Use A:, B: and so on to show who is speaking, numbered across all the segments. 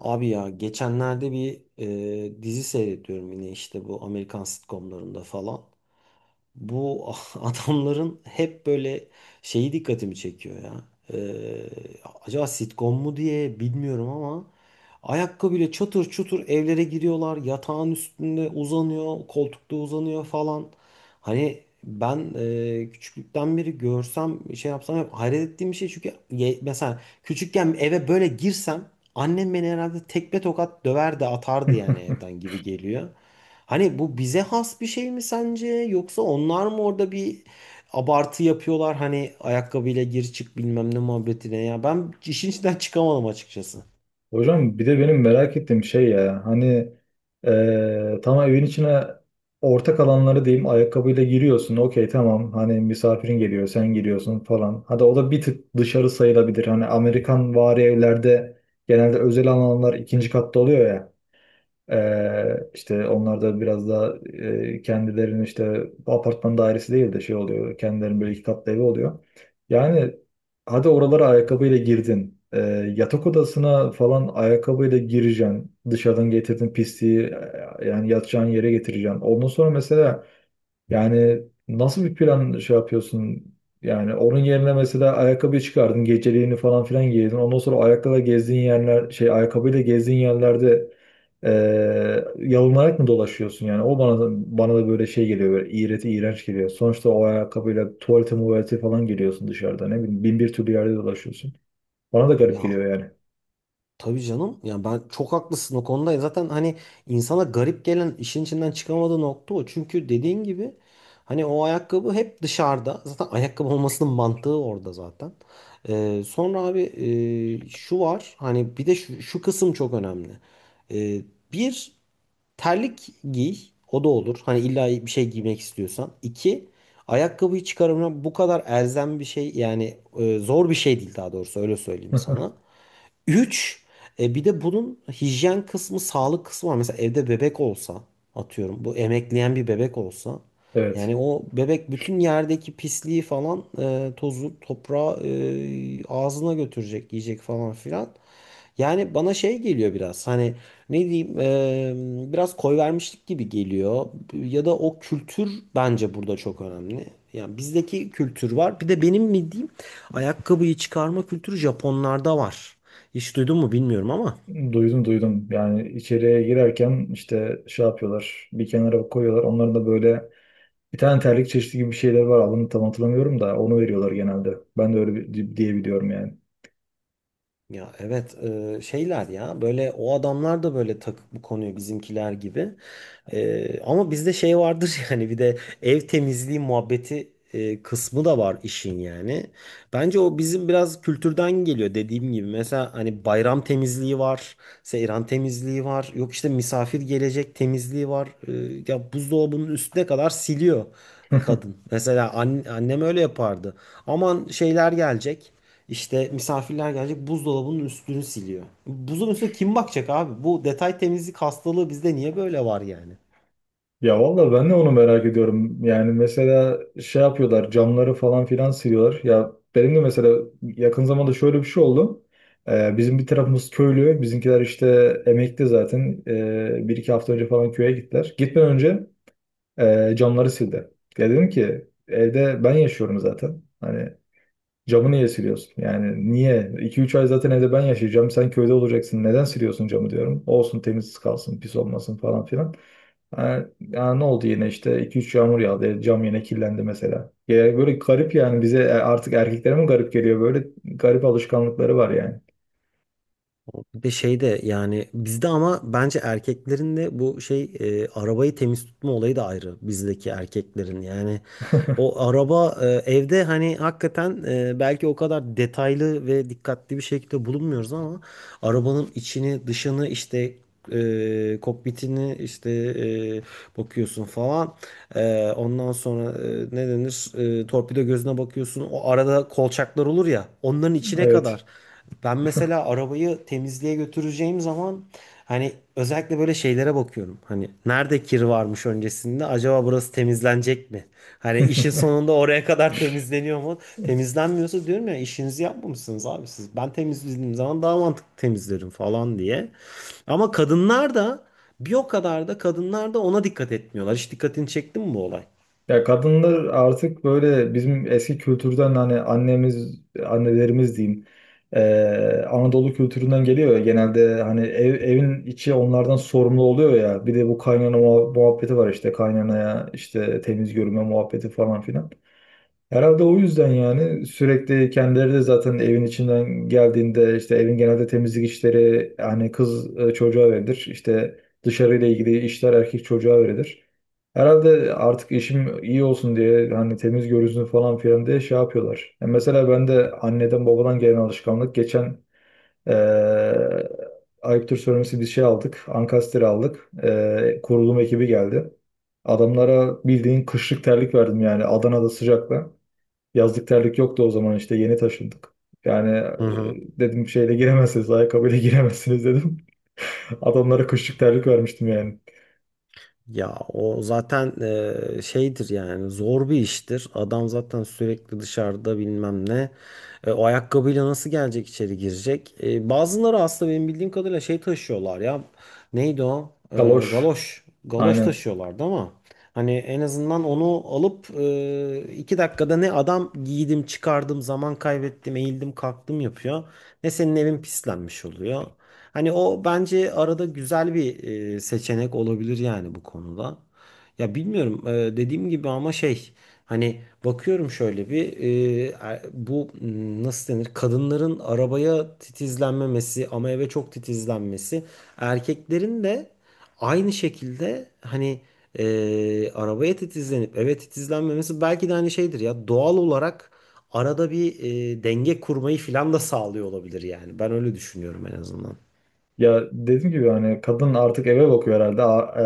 A: Abi ya geçenlerde bir dizi seyrediyorum yine işte bu Amerikan sitcomlarında falan. Bu adamların hep böyle şeyi dikkatimi çekiyor ya. E, Acaba sitcom mu diye bilmiyorum ama ayakkabıyla çatır çutur evlere giriyorlar. Yatağın üstünde uzanıyor, koltukta uzanıyor falan. Hani ben küçüklükten beri görsem şey yapsam hep hayret ettiğim bir şey çünkü mesela küçükken eve böyle girsem annem beni herhalde tekme tokat döverdi atardı yani evden gibi geliyor. Hani bu bize has bir şey mi sence yoksa onlar mı orada bir abartı yapıyorlar hani ayakkabıyla gir çık bilmem ne muhabbetine ya ben işin içinden çıkamadım açıkçası.
B: Hocam bir de benim merak ettiğim şey ya hani tamam evin içine ortak alanları diyeyim ayakkabıyla giriyorsun, okey, tamam, hani misafirin geliyor, sen giriyorsun falan. Hadi o da bir tık dışarı sayılabilir. Hani Amerikan vari evlerde genelde özel alanlar ikinci katta oluyor ya. İşte onlar da biraz daha kendilerinin işte apartman dairesi değil de şey oluyor. Kendilerinin böyle iki katlı evi oluyor. Yani hadi oralara ayakkabıyla girdin. Yatak odasına falan ayakkabıyla gireceksin. Dışarıdan getirdin pisliği, yani yatacağın yere getireceksin. Ondan sonra mesela, yani, nasıl bir plan şey yapıyorsun? Yani onun yerine mesela ayakkabı çıkardın, geceliğini falan filan giydin. Ondan sonra ayakkabıyla gezdiğin yerler, şey ayakkabıyla gezdiğin yerlerde yalınarak mı dolaşıyorsun? Yani o bana da böyle şey geliyor, böyle iğreti, iğrenç geliyor. Sonuçta o ayakkabıyla tuvalete muvalete falan geliyorsun dışarıda. Ne bileyim bin bir türlü yerde dolaşıyorsun. Bana da
A: Ya,
B: garip geliyor yani.
A: tabii canım. Yani ben çok haklısın o konuda. Zaten hani insana garip gelen işin içinden çıkamadığı nokta o. Çünkü dediğin gibi hani o ayakkabı hep dışarıda. Zaten ayakkabı olmasının mantığı orada zaten. Sonra abi şu var. Hani bir de şu kısım çok önemli. Ee, Bir terlik giy. O da olur. Hani illa bir şey giymek istiyorsan. İki, ayakkabıyı çıkarımına bu kadar elzem bir şey yani zor bir şey değil daha doğrusu öyle söyleyeyim sana. Üç, bir de bunun hijyen kısmı, sağlık kısmı var. Mesela evde bebek olsa, atıyorum bu emekleyen bir bebek olsa, yani
B: Evet.
A: o bebek bütün yerdeki pisliği falan, tozu, toprağı ağzına götürecek, yiyecek falan filan. Yani bana şey geliyor biraz hani ne diyeyim biraz koy vermişlik gibi geliyor ya da o kültür bence burada çok önemli. Yani bizdeki kültür var bir de benim mi diyeyim, ayakkabıyı çıkarma kültürü Japonlarda var. Hiç duydun mu bilmiyorum ama.
B: Duydum, duydum. Yani içeriye girerken işte şey yapıyorlar. Bir kenara koyuyorlar. Onların da böyle bir tane terlik çeşidi gibi bir şeyler var. Adını tam hatırlamıyorum da onu veriyorlar genelde. Ben de öyle bir- diye biliyorum yani.
A: Ya evet şeyler ya böyle o adamlar da böyle takık bu konuyu bizimkiler gibi. Ama bizde şey vardır yani bir de ev temizliği muhabbeti kısmı da var işin yani. Bence o bizim biraz kültürden geliyor dediğim gibi. Mesela hani bayram temizliği var, seyran temizliği var, yok işte misafir gelecek temizliği var. E, ya buzdolabının üstüne kadar siliyor kadın. Mesela annem öyle yapardı. Aman şeyler gelecek. İşte misafirler gelecek buzdolabının üstünü siliyor. Buzun üstüne kim bakacak abi? Bu detay temizlik hastalığı bizde niye böyle var yani?
B: Ya vallahi ben de onu merak ediyorum. Yani mesela şey yapıyorlar, camları falan filan siliyorlar. Ya benim de mesela yakın zamanda şöyle bir şey oldu. Bizim bir tarafımız köylü. Bizimkiler işte emekli zaten. Bir iki hafta önce falan köye gittiler. Gitmeden önce camları sildi. Ya dedim ki, evde ben yaşıyorum zaten. Hani camı niye siliyorsun? Yani niye? 2 üç ay zaten evde ben yaşayacağım. Sen köyde olacaksın. Neden siliyorsun camı diyorum. Olsun, temiz kalsın, pis olmasın falan filan. Yani ne oldu, yine işte 2 üç yağmur yağdı. Cam yine kirlendi mesela. Ya böyle garip yani, bize artık erkeklere mi garip geliyor? Böyle garip alışkanlıkları var yani.
A: Bir de şey de yani bizde ama bence erkeklerin de bu şey arabayı temiz tutma olayı da ayrı bizdeki erkeklerin. Yani o araba evde hani hakikaten belki o kadar detaylı ve dikkatli bir şekilde bulunmuyoruz ama arabanın içini dışını işte kokpitini işte bakıyorsun falan. E, ondan sonra ne denir, torpido gözüne bakıyorsun o arada kolçaklar olur ya onların içine kadar.
B: Evet.
A: Ben mesela arabayı temizliğe götüreceğim zaman hani özellikle böyle şeylere bakıyorum. Hani nerede kir varmış öncesinde? Acaba burası temizlenecek mi? Hani işin sonunda oraya kadar temizleniyor mu? Temizlenmiyorsa diyorum ya işinizi yapmamışsınız abi siz. Ben temizlediğim zaman daha mantıklı temizlerim falan diye. Ama kadınlar da bir o kadar da kadınlar da ona dikkat etmiyorlar. Hiç dikkatini çekti mi bu olay?
B: Ya kadınlar artık böyle bizim eski kültürden, hani annemiz, annelerimiz diyeyim. Anadolu kültüründen geliyor ya genelde. Hani ev, evin içi onlardan sorumlu oluyor ya. Bir de bu kaynana muhabbeti var, işte kaynanaya işte temiz görünme muhabbeti falan filan. Herhalde o yüzden yani sürekli kendileri de zaten evin içinden geldiğinde işte evin genelde temizlik işleri hani kız çocuğa verilir. İşte dışarıyla ilgili işler erkek çocuğa verilir. Herhalde artık işim iyi olsun diye, hani temiz görünsün falan filan diye şey yapıyorlar. Mesela ben de anneden babadan gelen alışkanlık, geçen e, ayıptır söylemesi bir şey aldık. Ankastre aldık. Kurulum ekibi geldi. Adamlara bildiğin kışlık terlik verdim yani, Adana'da sıcakta. Yazlık terlik yoktu, o zaman işte yeni taşındık. Yani
A: Hı hı.
B: dedim şeyle giremezsiniz, ayakkabıyla giremezsiniz dedim. Adamlara kışlık terlik vermiştim yani.
A: Ya o zaten şeydir yani zor bir iştir. Adam zaten sürekli dışarıda bilmem ne. E, o ayakkabıyla nasıl gelecek içeri girecek? E, bazıları aslında benim bildiğim kadarıyla şey taşıyorlar ya. Neydi o? E,
B: Kaloş.
A: galoş. Galoş
B: Aynen.
A: taşıyorlardı ama hani en azından onu alıp iki dakikada ne adam giydim çıkardım zaman kaybettim eğildim kalktım yapıyor. Ne senin evin pislenmiş oluyor. Hani o bence arada güzel bir seçenek olabilir yani bu konuda. Ya bilmiyorum dediğim gibi ama şey hani bakıyorum şöyle bir bu nasıl denir kadınların arabaya titizlenmemesi ama eve çok titizlenmesi, erkeklerin de aynı şekilde hani arabaya titizlenip eve titizlenmemesi belki de hani şeydir ya doğal olarak arada bir denge kurmayı filan da sağlıyor olabilir yani ben öyle düşünüyorum en azından.
B: Ya dediğim gibi, hani kadın artık eve bakıyor herhalde. A-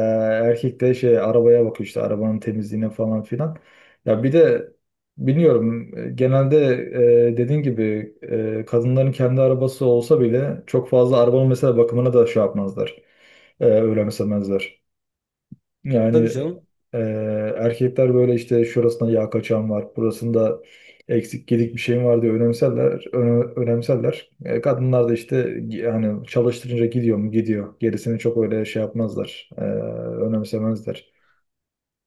B: e, Erkek de şey arabaya bakıyor, işte arabanın temizliğine falan filan. Ya bir de bilmiyorum, genelde, dediğin gibi, kadınların kendi arabası olsa bile çok fazla arabanın mesela bakımına da şey yapmazlar. Önemsemezler.
A: Tabii
B: Yani
A: canım.
B: e, erkekler böyle işte şurasında yağ kaçağım var, burasında eksik gedik bir şeyim var diye önemserler, önemserler. Kadınlar da işte yani çalıştırınca gidiyor mu, gidiyor. Gerisini çok öyle şey yapmazlar, önemsemezler.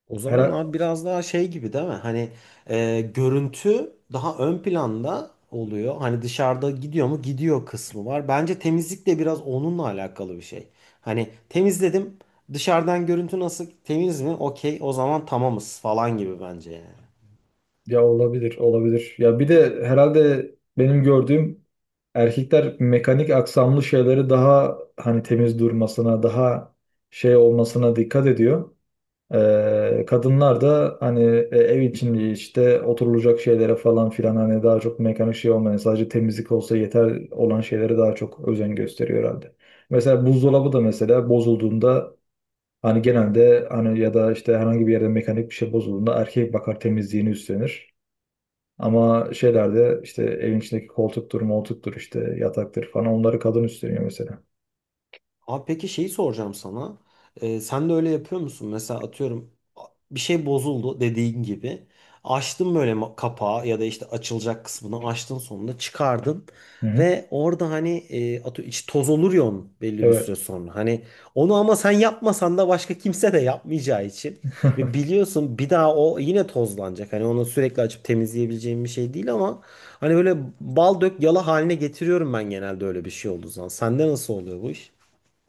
A: O zaman
B: Her
A: abi biraz daha şey gibi değil mi? Hani görüntü daha ön planda oluyor. Hani dışarıda gidiyor mu? Gidiyor kısmı var. Bence temizlik de biraz onunla alakalı bir şey. Hani temizledim. Dışarıdan görüntü nasıl? Temiz mi? Okey. O zaman tamamız falan gibi bence yani.
B: Ya olabilir, olabilir. Ya bir de herhalde benim gördüğüm erkekler mekanik aksamlı şeyleri daha, hani temiz durmasına, daha şey olmasına dikkat ediyor. Kadınlar da hani ev içinde işte oturulacak şeylere falan filan hani daha çok mekanik şey olmayan sadece temizlik olsa yeter olan şeylere daha çok özen gösteriyor herhalde. Mesela buzdolabı da mesela bozulduğunda hani genelde, hani ya da işte herhangi bir yerde mekanik bir şey bozulduğunda erkek bakar, temizliğini üstlenir. Ama şeylerde işte evin içindeki koltuktur, moltuktur, işte yataktır falan, onları kadın üstleniyor mesela.
A: Abi peki şeyi soracağım sana. Sen de öyle yapıyor musun? Mesela atıyorum bir şey bozuldu dediğin gibi. Açtın böyle kapağı ya da işte açılacak kısmını açtın sonunda çıkardın.
B: Hı hı.
A: Ve orada hani atı içi toz olur ya onun belli bir
B: Evet.
A: süre sonra. Hani onu ama sen yapmasan da başka kimse de yapmayacağı için. Ve biliyorsun bir daha o yine tozlanacak. Hani onu sürekli açıp temizleyebileceğim bir şey değil ama hani böyle bal dök yala haline getiriyorum ben genelde öyle bir şey olduğu zaman. Sende nasıl oluyor bu iş?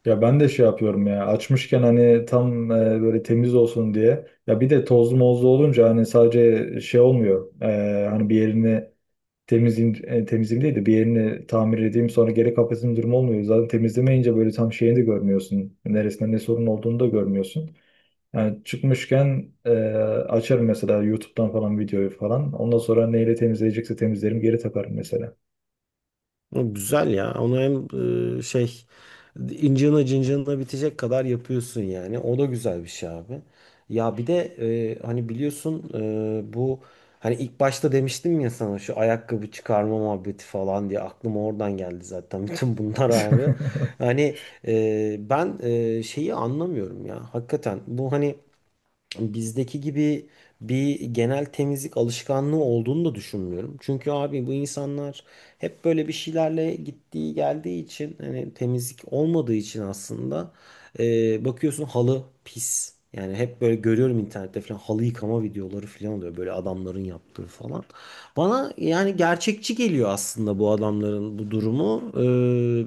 B: Ya ben de şey yapıyorum ya, açmışken hani tam böyle temiz olsun diye. Ya bir de tozlu mozlu olunca hani sadece şey olmuyor. Hani bir yerini temizleyeyim, temizleyeyim değil de bir yerini tamir edeyim sonra geri kapatayım durumu olmuyor. Zaten temizlemeyince böyle tam şeyini de görmüyorsun. Neresinde ne sorun olduğunu da görmüyorsun. Yani çıkmışken, açarım mesela YouTube'dan falan videoyu falan. Ondan sonra neyle temizleyecekse temizlerim, geri takarım mesela.
A: O güzel ya. Onu hem şey, incina cincina bitecek kadar yapıyorsun yani. O da güzel bir şey abi. Ya bir de hani biliyorsun bu, hani ilk başta demiştim ya sana şu ayakkabı çıkarma muhabbeti falan diye aklıma oradan geldi zaten bütün bunlar abi. Hani ben şeyi anlamıyorum ya. Hakikaten bu hani bizdeki gibi bir genel temizlik alışkanlığı olduğunu da düşünmüyorum. Çünkü abi bu insanlar hep böyle bir şeylerle gittiği geldiği için hani temizlik olmadığı için aslında bakıyorsun halı pis. Yani hep böyle görüyorum internette falan halı yıkama videoları falan oluyor böyle adamların yaptığı falan. Bana yani gerçekçi geliyor aslında bu adamların bu durumu.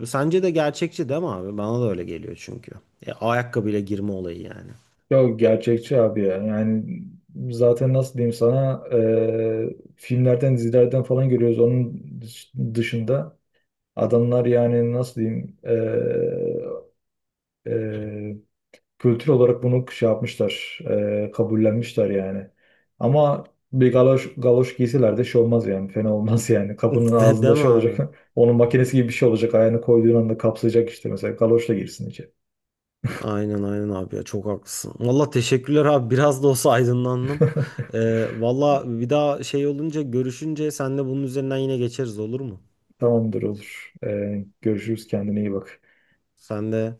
A: Sence de gerçekçi değil mi abi? Bana da öyle geliyor çünkü. E, ayakkabıyla girme olayı yani.
B: Yok, gerçekçi abi ya. Yani zaten nasıl diyeyim sana, filmlerden dizilerden falan görüyoruz. Onun dışında adamlar yani nasıl diyeyim, e, kültür olarak bunu şey yapmışlar, kabullenmişler yani. Ama bir galoş giysiler de şey olmaz yani, fena olmaz yani. Kapının
A: Değil
B: ağzında
A: mi
B: şey
A: abi?
B: olacak, onun makinesi gibi bir şey olacak, ayağını koyduğun anda kapsayacak işte mesela galoşla girsin içeri.
A: Aynen aynen abi ya çok haklısın. Valla teşekkürler abi biraz da olsa aydınlandım. Valla bir daha şey olunca görüşünce senle bunun üzerinden yine geçeriz olur mu?
B: Tamamdır, olur. Görüşürüz, kendine iyi bak.
A: Sen de